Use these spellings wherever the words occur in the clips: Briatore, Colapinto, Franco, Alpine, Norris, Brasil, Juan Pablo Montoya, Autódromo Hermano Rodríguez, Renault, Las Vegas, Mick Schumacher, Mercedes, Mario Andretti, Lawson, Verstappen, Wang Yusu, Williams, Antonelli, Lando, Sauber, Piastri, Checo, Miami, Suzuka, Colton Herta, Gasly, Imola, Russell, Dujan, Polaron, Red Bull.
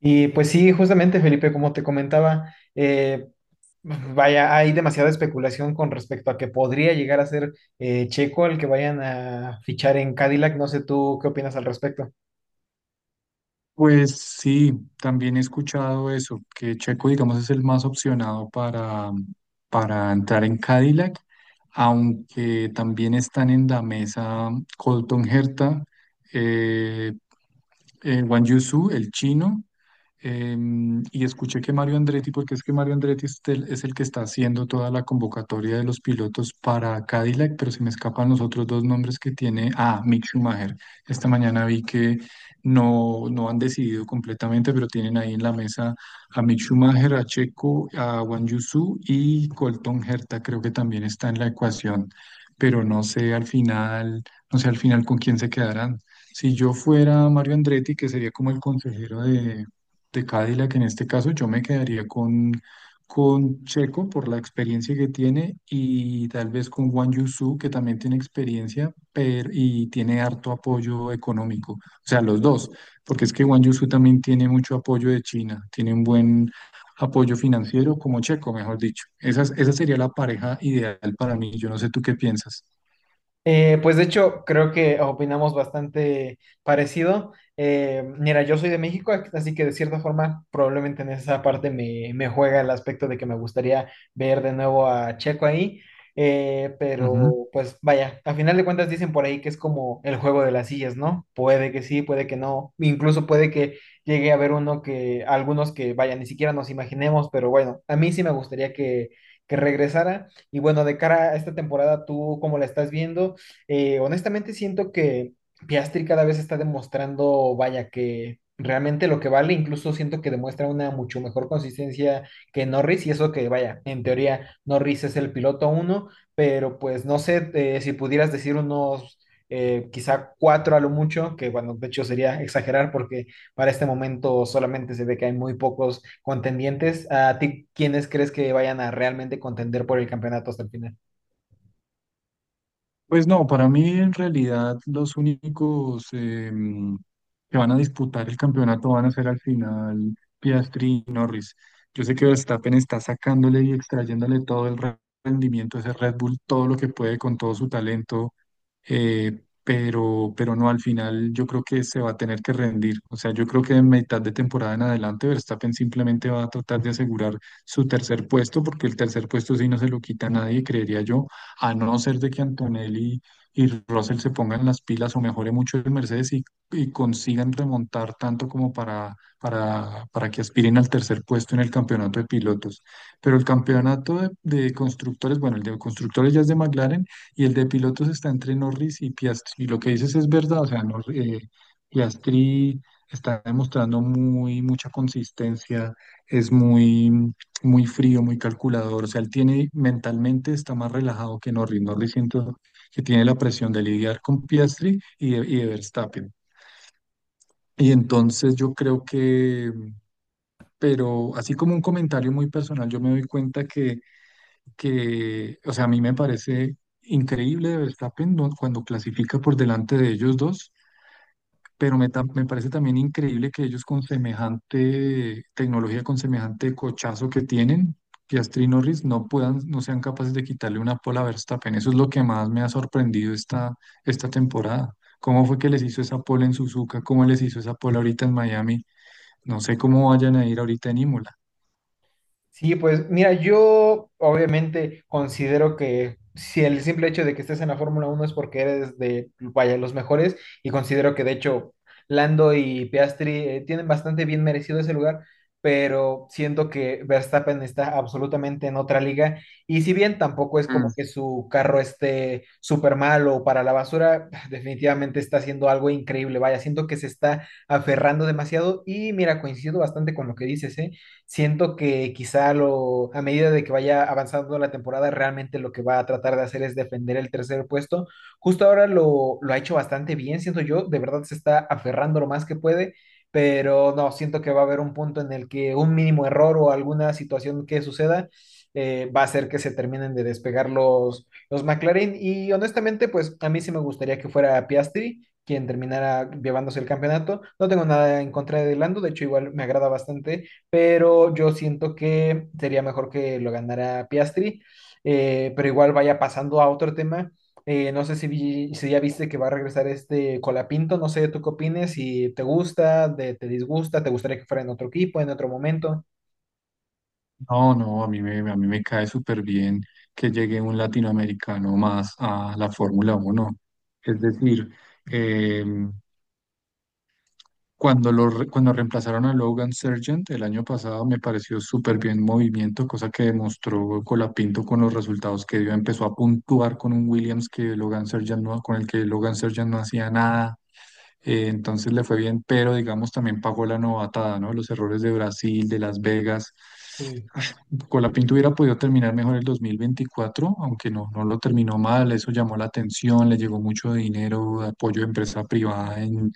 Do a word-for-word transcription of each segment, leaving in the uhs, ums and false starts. Y pues sí, justamente Felipe, como te comentaba, eh, vaya, hay demasiada especulación con respecto a que podría llegar a ser eh, Checo el que vayan a fichar en Cadillac. No sé tú qué opinas al respecto. Pues sí, también he escuchado eso, que Checo, digamos, es el más opcionado para, para entrar en Cadillac, aunque también están en la mesa Colton Herta, eh, eh, Wang Yusu, el chino, eh, y escuché que Mario Andretti, porque es que Mario Andretti es el, es el que está haciendo toda la convocatoria de los pilotos para Cadillac, pero se me escapan los otros dos nombres que tiene. Ah, Mick Schumacher. Esta mañana vi que no, no han decidido completamente, pero tienen ahí en la mesa a Mick Schumacher, a Checo, a Wang Yusu y Colton Herta, creo que también está en la ecuación, pero no sé al final, no sé al final con quién se quedarán. Si yo fuera Mario Andretti, que sería como el consejero de de Cadillac en este caso, yo me quedaría con, con Checo por la experiencia que tiene y tal vez con Wang Yusu, que también tiene experiencia pero, y tiene harto apoyo económico. O sea, los dos, porque es que Wang Yusu también tiene mucho apoyo de China, tiene un buen apoyo financiero como Checo, mejor dicho. Esa, esa sería la pareja ideal para mí. Yo no sé tú qué piensas. Eh, pues de hecho, creo que opinamos bastante parecido. Eh, mira, yo soy de México, así que de cierta forma probablemente en esa parte me, me juega el aspecto de que me gustaría ver de nuevo a Checo ahí. Eh, pero pues vaya, a final de cuentas dicen por ahí que es como el juego de las sillas, ¿no? Puede que sí, puede que no. Incluso puede que llegue a haber uno que, algunos que vaya, ni siquiera nos imaginemos, pero bueno, a mí sí me gustaría que, que regresara. Y bueno, de cara a esta temporada, ¿tú cómo la estás viendo? Eh, honestamente siento que Piastri cada vez está demostrando, vaya, que realmente lo que vale, incluso siento que demuestra una mucho mejor consistencia que Norris y eso que, vaya, en teoría Norris es el piloto uno, pero pues no sé eh, si pudieras decir unos eh, quizá cuatro a lo mucho, que bueno, de hecho sería exagerar porque para este momento solamente se ve que hay muy pocos contendientes. ¿A ti quiénes crees que vayan a realmente contender por el campeonato hasta el final? Pues no, para mí en realidad los únicos em, que van a disputar el campeonato van a ser al final Piastri y Norris. Yo sé que Verstappen está sacándole y extrayéndole todo el re- rendimiento a ese Red Bull, todo lo que puede con todo su talento, eh, pero, pero no, al final yo creo que se va a tener que rendir. O sea, yo creo que en mitad de temporada en adelante Verstappen simplemente va a tratar de asegurar su tercer puesto, porque el tercer puesto sí no se lo quita a nadie, creería yo a no ser de que Antonelli y Russell se pongan las pilas o mejore mucho el Mercedes y, y consigan remontar tanto como para, para, para que aspiren al tercer puesto en el campeonato de pilotos. Pero el campeonato de, de constructores, bueno, el de constructores ya es de McLaren y el de pilotos está entre Norris y Piastri. Lo que dices es verdad, o sea, Nor- eh, Piastri está demostrando muy mucha consistencia, es muy muy frío, muy calculador. O sea, él tiene mentalmente está más relajado que Norris. Norris siento que tiene la presión de lidiar con Piastri y de, y de Verstappen. Y entonces yo creo que, pero así como un comentario muy personal, yo me doy cuenta que, que o sea, a mí me parece increíble de Verstappen, ¿no?, cuando clasifica por delante de ellos dos pero me, tam- me parece también increíble que ellos con semejante tecnología, con semejante cochazo que tienen, Piastri y Norris, no puedan, no sean capaces de quitarle una pole a Verstappen. Eso es lo que más me ha sorprendido esta, esta temporada. ¿Cómo fue que les hizo esa pole en Suzuka? ¿Cómo les hizo esa pole ahorita en Miami? No sé cómo vayan a ir ahorita en Imola. Sí, pues mira, yo obviamente considero que si el simple hecho de que estés en la Fórmula Uno es porque eres de, vaya, los mejores, y considero que de hecho Lando y Piastri eh, tienen bastante bien merecido ese lugar, pero siento que Verstappen está absolutamente en otra liga, y si bien tampoco es Mm. como que su carro esté súper mal o para la basura, definitivamente está haciendo algo increíble, vaya, siento que se está aferrando demasiado, y mira, coincido bastante con lo que dices, ¿eh? Siento que quizá lo, a medida de que vaya avanzando la temporada, realmente lo que va a tratar de hacer es defender el tercer puesto. Justo ahora lo, lo ha hecho bastante bien, siento yo, de verdad se está aferrando lo más que puede, pero no, siento que va a haber un punto en el que un mínimo error o alguna situación que suceda eh, va a hacer que se terminen de despegar los, los McLaren. Y honestamente, pues a mí sí me gustaría que fuera Piastri quien terminara llevándose el campeonato. No tengo nada en contra de Lando, de hecho igual me agrada bastante, pero yo siento que sería mejor que lo ganara Piastri, eh, pero igual vaya pasando a otro tema. Eh, no sé si, vi- si ya viste que va a regresar este Colapinto, no sé, ¿tú qué opines? Si te gusta, de- te disgusta, te gustaría que fuera en otro equipo, en otro momento. No, no, a mí me, a mí me cae súper bien que llegue un latinoamericano más a la Fórmula Uno. Es decir, em, Cuando, lo, re- cuando reemplazaron a Logan Sargent el año pasado, me pareció súper bien movimiento, cosa que demostró Colapinto con los resultados que dio. Empezó a puntuar con un Williams que Logan Sargent no, con el que Logan Sargent no hacía nada. Eh, entonces le fue bien, pero digamos también pagó la novatada, ¿no? Los errores de Brasil, de Las Vegas. Sí. Ah, Colapinto hubiera podido terminar mejor el dos mil veinticuatro, aunque no, no lo terminó mal. Eso llamó la atención, le llegó mucho dinero, apoyo de empresa privada en,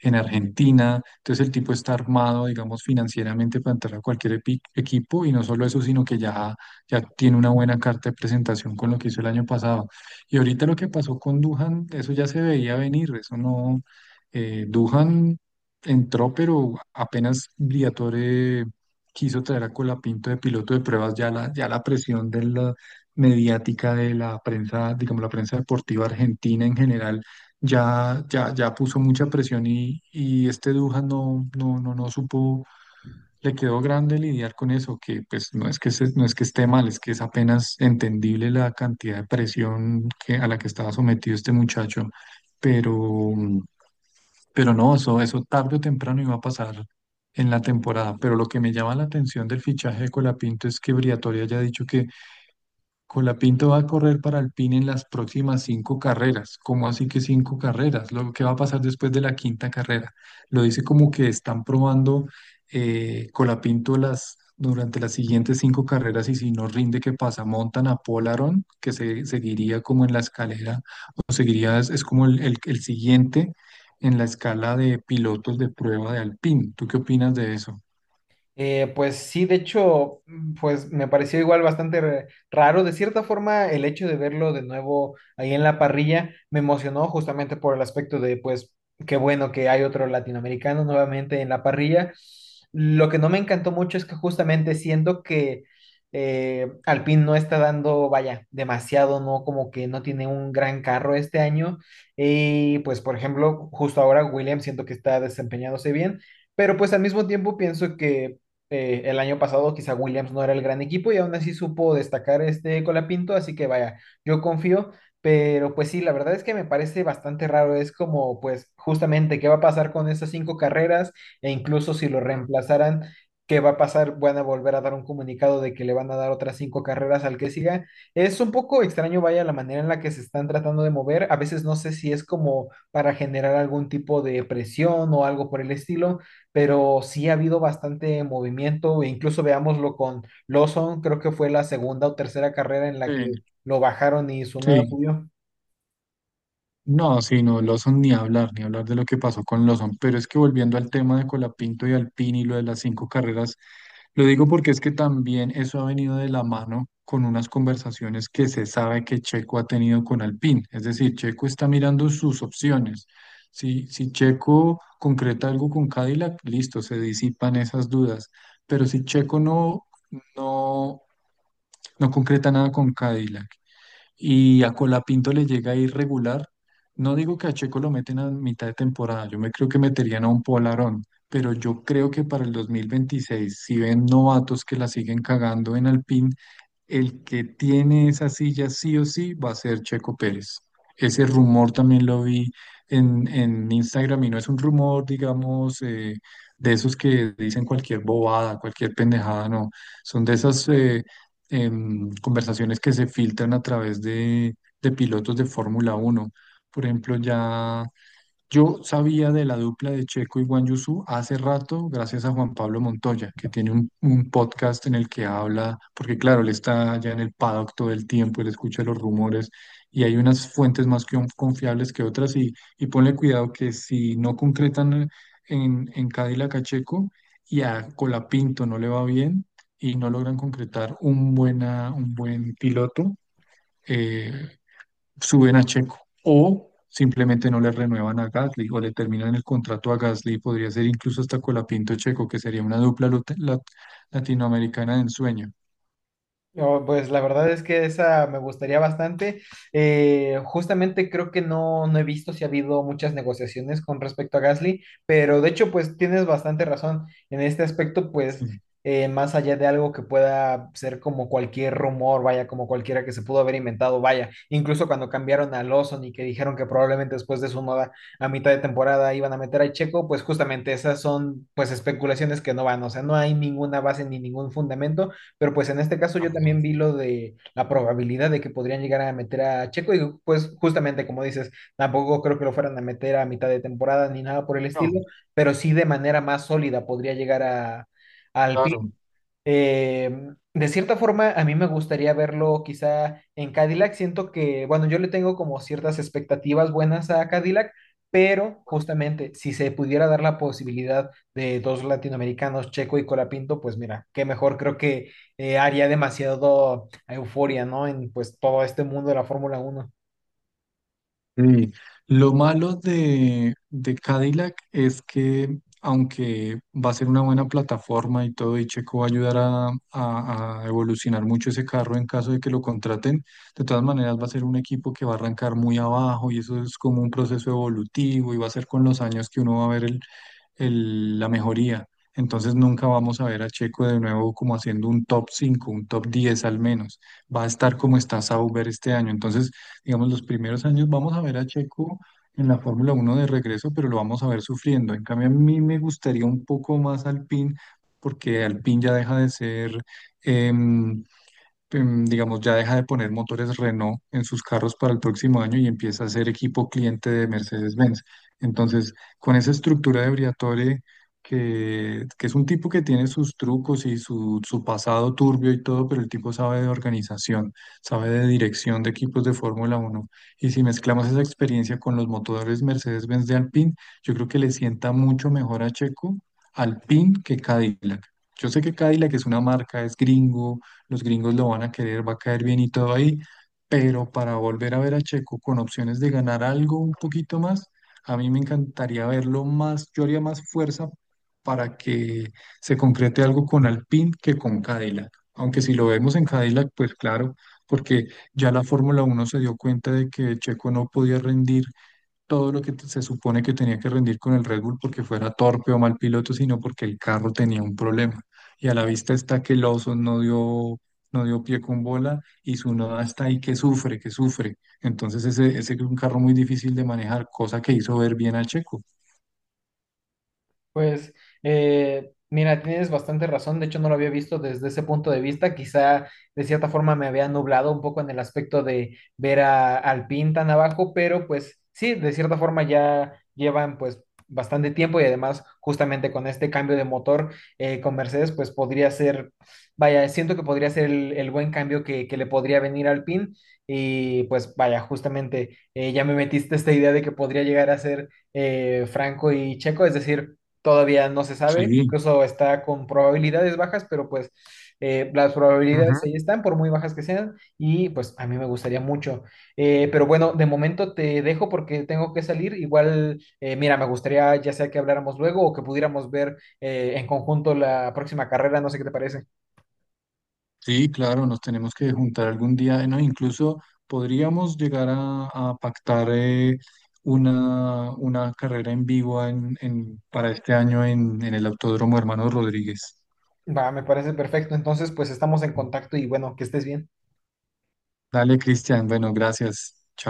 en Argentina. Entonces el tipo está armado, digamos, financieramente para entrar a cualquier epi- equipo y no solo eso, sino que ya, ya tiene una buena carta de presentación con lo que hizo el año pasado. Y ahorita lo que pasó con Dujan, eso ya se veía venir, eso no, eh, Dujan entró, pero apenas Briatore quiso traer a Colapinto de piloto de pruebas, ya la, ya la presión de la mediática de la prensa, digamos, la prensa deportiva argentina en general ya, ya, ya puso mucha presión y, y este Dujan no, no, no, no supo, le quedó grande lidiar con eso, que pues no es que se- no es que esté mal, es que es apenas entendible la cantidad de presión que, a la que estaba sometido este muchacho, pero, pero no, eso, eso tarde o temprano iba a pasar en la temporada, pero lo que me llama la atención del fichaje de Colapinto es que Briatore haya dicho que Colapinto va a correr para Alpine en las próximas cinco carreras. ¿Cómo así que cinco carreras? Lo que va a pasar después de la quinta carrera. Lo dice como que están probando eh, Colapinto las, durante las siguientes cinco carreras y si no rinde, ¿qué pasa? Montan a Polaron, que se, seguiría como en la escalera, o seguiría, es, es como el, el el siguiente en la escala de pilotos de prueba de Alpine. ¿Tú qué opinas de eso? Eh, pues sí, de hecho, mm, pues me pareció igual bastante re- raro. De cierta forma, el hecho de verlo de nuevo ahí en la parrilla me emocionó justamente por el aspecto de, pues, qué bueno que hay otro latinoamericano nuevamente en la parrilla. Lo que no me encantó mucho es que justamente siento que eh, Alpine no está dando, vaya, demasiado, ¿no? Como que no tiene un gran carro este año. Y pues, por ejemplo, justo ahora Williams siento que está desempeñándose bien. Pero pues al mismo tiempo pienso que eh, el año pasado quizá Williams no era el gran equipo y aún así supo destacar este Colapinto, así que vaya, yo confío, pero pues sí, la verdad es que me parece bastante raro, es como pues justamente qué va a pasar con esas cinco carreras e incluso si lo reemplazaran, qué va a pasar, van a volver a dar un comunicado de que le van a dar otras cinco carreras al que siga. Es un poco extraño, vaya, la manera en la que se están tratando de mover, a veces no sé si es como para generar algún tipo de presión o algo por el estilo, pero sí ha habido bastante movimiento, e incluso veámoslo con Lawson, creo que fue la segunda o tercera carrera en la que Sí, lo bajaron y su nada sí. subió. No, sí, no, Lawson ni hablar, ni hablar de lo que pasó con Lawson, pero es que volviendo al tema de Colapinto y Alpine y lo de las cinco carreras, lo digo porque es que también eso ha venido de la mano con unas conversaciones que se sabe que Checo ha tenido con Alpine, es decir, Checo está mirando sus opciones. Si, si Checo concreta algo con Cadillac, listo, se disipan esas dudas, pero si Checo no, no, no concreta nada con Cadillac y a Colapinto le llega irregular. No digo que a Checo lo meten a mitad de temporada, yo me creo que meterían a un Polarón, pero yo creo que para el dos mil veintiséis, si ven novatos que la siguen cagando en Alpine, el que tiene esa silla sí o sí va a ser Checo Pérez. Ese rumor también lo vi en, en Instagram y no es un rumor, digamos, eh, de esos que dicen cualquier bobada, cualquier pendejada, no. Son de esas eh, em, conversaciones que se filtran a través de, de pilotos de Fórmula Uno. Por ejemplo, ya yo sabía de la dupla de Checo y Guan Yusu hace rato, gracias a Juan Pablo Montoya, que tiene un, un podcast en el que habla, porque claro, él está ya en el paddock todo el tiempo, él escucha los rumores y hay unas fuentes más que confiables que otras y, y ponle cuidado que si no concretan en, en Cadillac a Checo y a Colapinto no le va bien y no logran concretar un, buena, un buen piloto. eh, Suben a Checo o simplemente no le renuevan a Gasly o le terminan el contrato a Gasly, podría ser incluso hasta Colapinto Checo, que sería una dupla lut- lat- latinoamericana de ensueño. No, pues la verdad es que esa me gustaría bastante. Eh, justamente creo que no, no he visto si ha habido muchas negociaciones con respecto a Gasly, pero de hecho pues tienes bastante razón en este aspecto, pues Sí, eh, más allá de algo que pueda ser como cualquier rumor, vaya, como cualquiera que se pudo haber inventado, vaya, incluso cuando cambiaron a Lawson y que dijeron que probablemente después de su noda a mitad de temporada iban a meter a Checo, pues justamente esas son pues especulaciones que no van, o sea, no hay ninguna base ni ningún fundamento. Pero pues en este caso no, yo no, también vi lo de la probabilidad de que podrían llegar a meter a Checo y pues justamente como dices, tampoco creo que lo fueran a meter a mitad de temporada ni nada por el no, estilo, pero sí de manera más sólida podría llegar a, al P. claro. eh, de cierta forma, a mí me gustaría verlo quizá en Cadillac. Siento que, bueno, yo le tengo como ciertas expectativas buenas a Cadillac, pero justamente si se pudiera dar la posibilidad de dos latinoamericanos, Checo y Colapinto, pues mira, qué mejor. Creo que eh, haría demasiado euforia, ¿no? En pues todo este mundo de la Fórmula Uno. Sí, lo malo de, de Cadillac es que aunque va a ser una buena plataforma y todo, y Checo va a ayudar a, a- a evolucionar mucho ese carro en caso de que lo contraten, de todas maneras va a ser un equipo que va a arrancar muy abajo y eso es como un proceso evolutivo y va a ser con los años que uno va a ver el el- la mejoría. Entonces nunca vamos a ver a Checo de nuevo como haciendo un top cinco un top diez al menos. Va a estar como está Sauber este año. Entonces, digamos, los primeros años vamos a ver a Checo en la Fórmula Uno de regreso, pero lo vamos a ver sufriendo. En cambio, a mí me gustaría un poco más Alpine, porque Alpine ya deja de ser, em, em, digamos, ya deja de poner motores Renault en sus carros para el próximo año y empieza a ser equipo cliente de Mercedes-Benz. Entonces, con esa estructura de Briatore, que, que es un tipo que tiene sus trucos y su, su pasado turbio y todo, pero el tipo sabe de organización, sabe de dirección de equipos de Fórmula Uno. Y si mezclamos esa experiencia con los motores Mercedes-Benz de Alpine, yo creo que le sienta mucho mejor a Checo Alpine que Cadillac. Yo sé que Cadillac es una marca, es gringo, los gringos lo van a querer, va a caer bien y todo ahí, pero para volver a ver a Checo con opciones de ganar algo un poquito más, a mí me encantaría verlo más, yo haría más fuerza para que se concrete algo con Alpine que con Cadillac, aunque si lo vemos en Cadillac, pues claro, porque ya la Fórmula Uno se dio cuenta de que Checo no podía rendir todo lo que t- se supone que tenía que rendir con el Red Bull porque fuera torpe o mal piloto, sino porque el carro tenía un problema. Y a la vista está que Lawson no dio, no dio pie con bola y su noda está ahí que sufre, que sufre. Entonces ese, ese es un carro muy difícil de manejar, cosa que hizo ver bien a Checo. Pues eh, mira, tienes bastante razón, de hecho no lo había visto desde ese punto de vista, quizá de cierta forma me había nublado un poco en el aspecto de ver a, al PIN tan abajo, pero pues sí, de cierta forma ya llevan pues bastante tiempo y además justamente con este cambio de motor eh, con Mercedes pues podría ser, vaya, siento que podría ser el, el buen cambio que, que le podría venir al PIN. Y pues vaya, justamente eh, ya me metiste esta idea de que podría llegar a ser eh, Franco y Checo, es decir, todavía no se sabe, Sí. incluso está con probabilidades bajas, pero pues eh, las Ujú. probabilidades ahí están, por muy bajas que sean, y pues a mí me gustaría mucho. Eh, pero bueno, de momento te dejo porque tengo que salir. Igual, eh, mira, me gustaría ya sea que habláramos luego o que pudiéramos ver eh, en conjunto la próxima carrera, no sé qué te parece. Sí, claro, nos tenemos que juntar algún día, ¿no? Incluso podríamos llegar a, a pactar eh, una, una carrera en vivo en, en- para este año en, en el Autódromo Hermano Rodríguez. Va, me parece perfecto. Entonces, pues estamos en contacto y bueno, que estés bien. Dale, Cristian, bueno, gracias. Chao.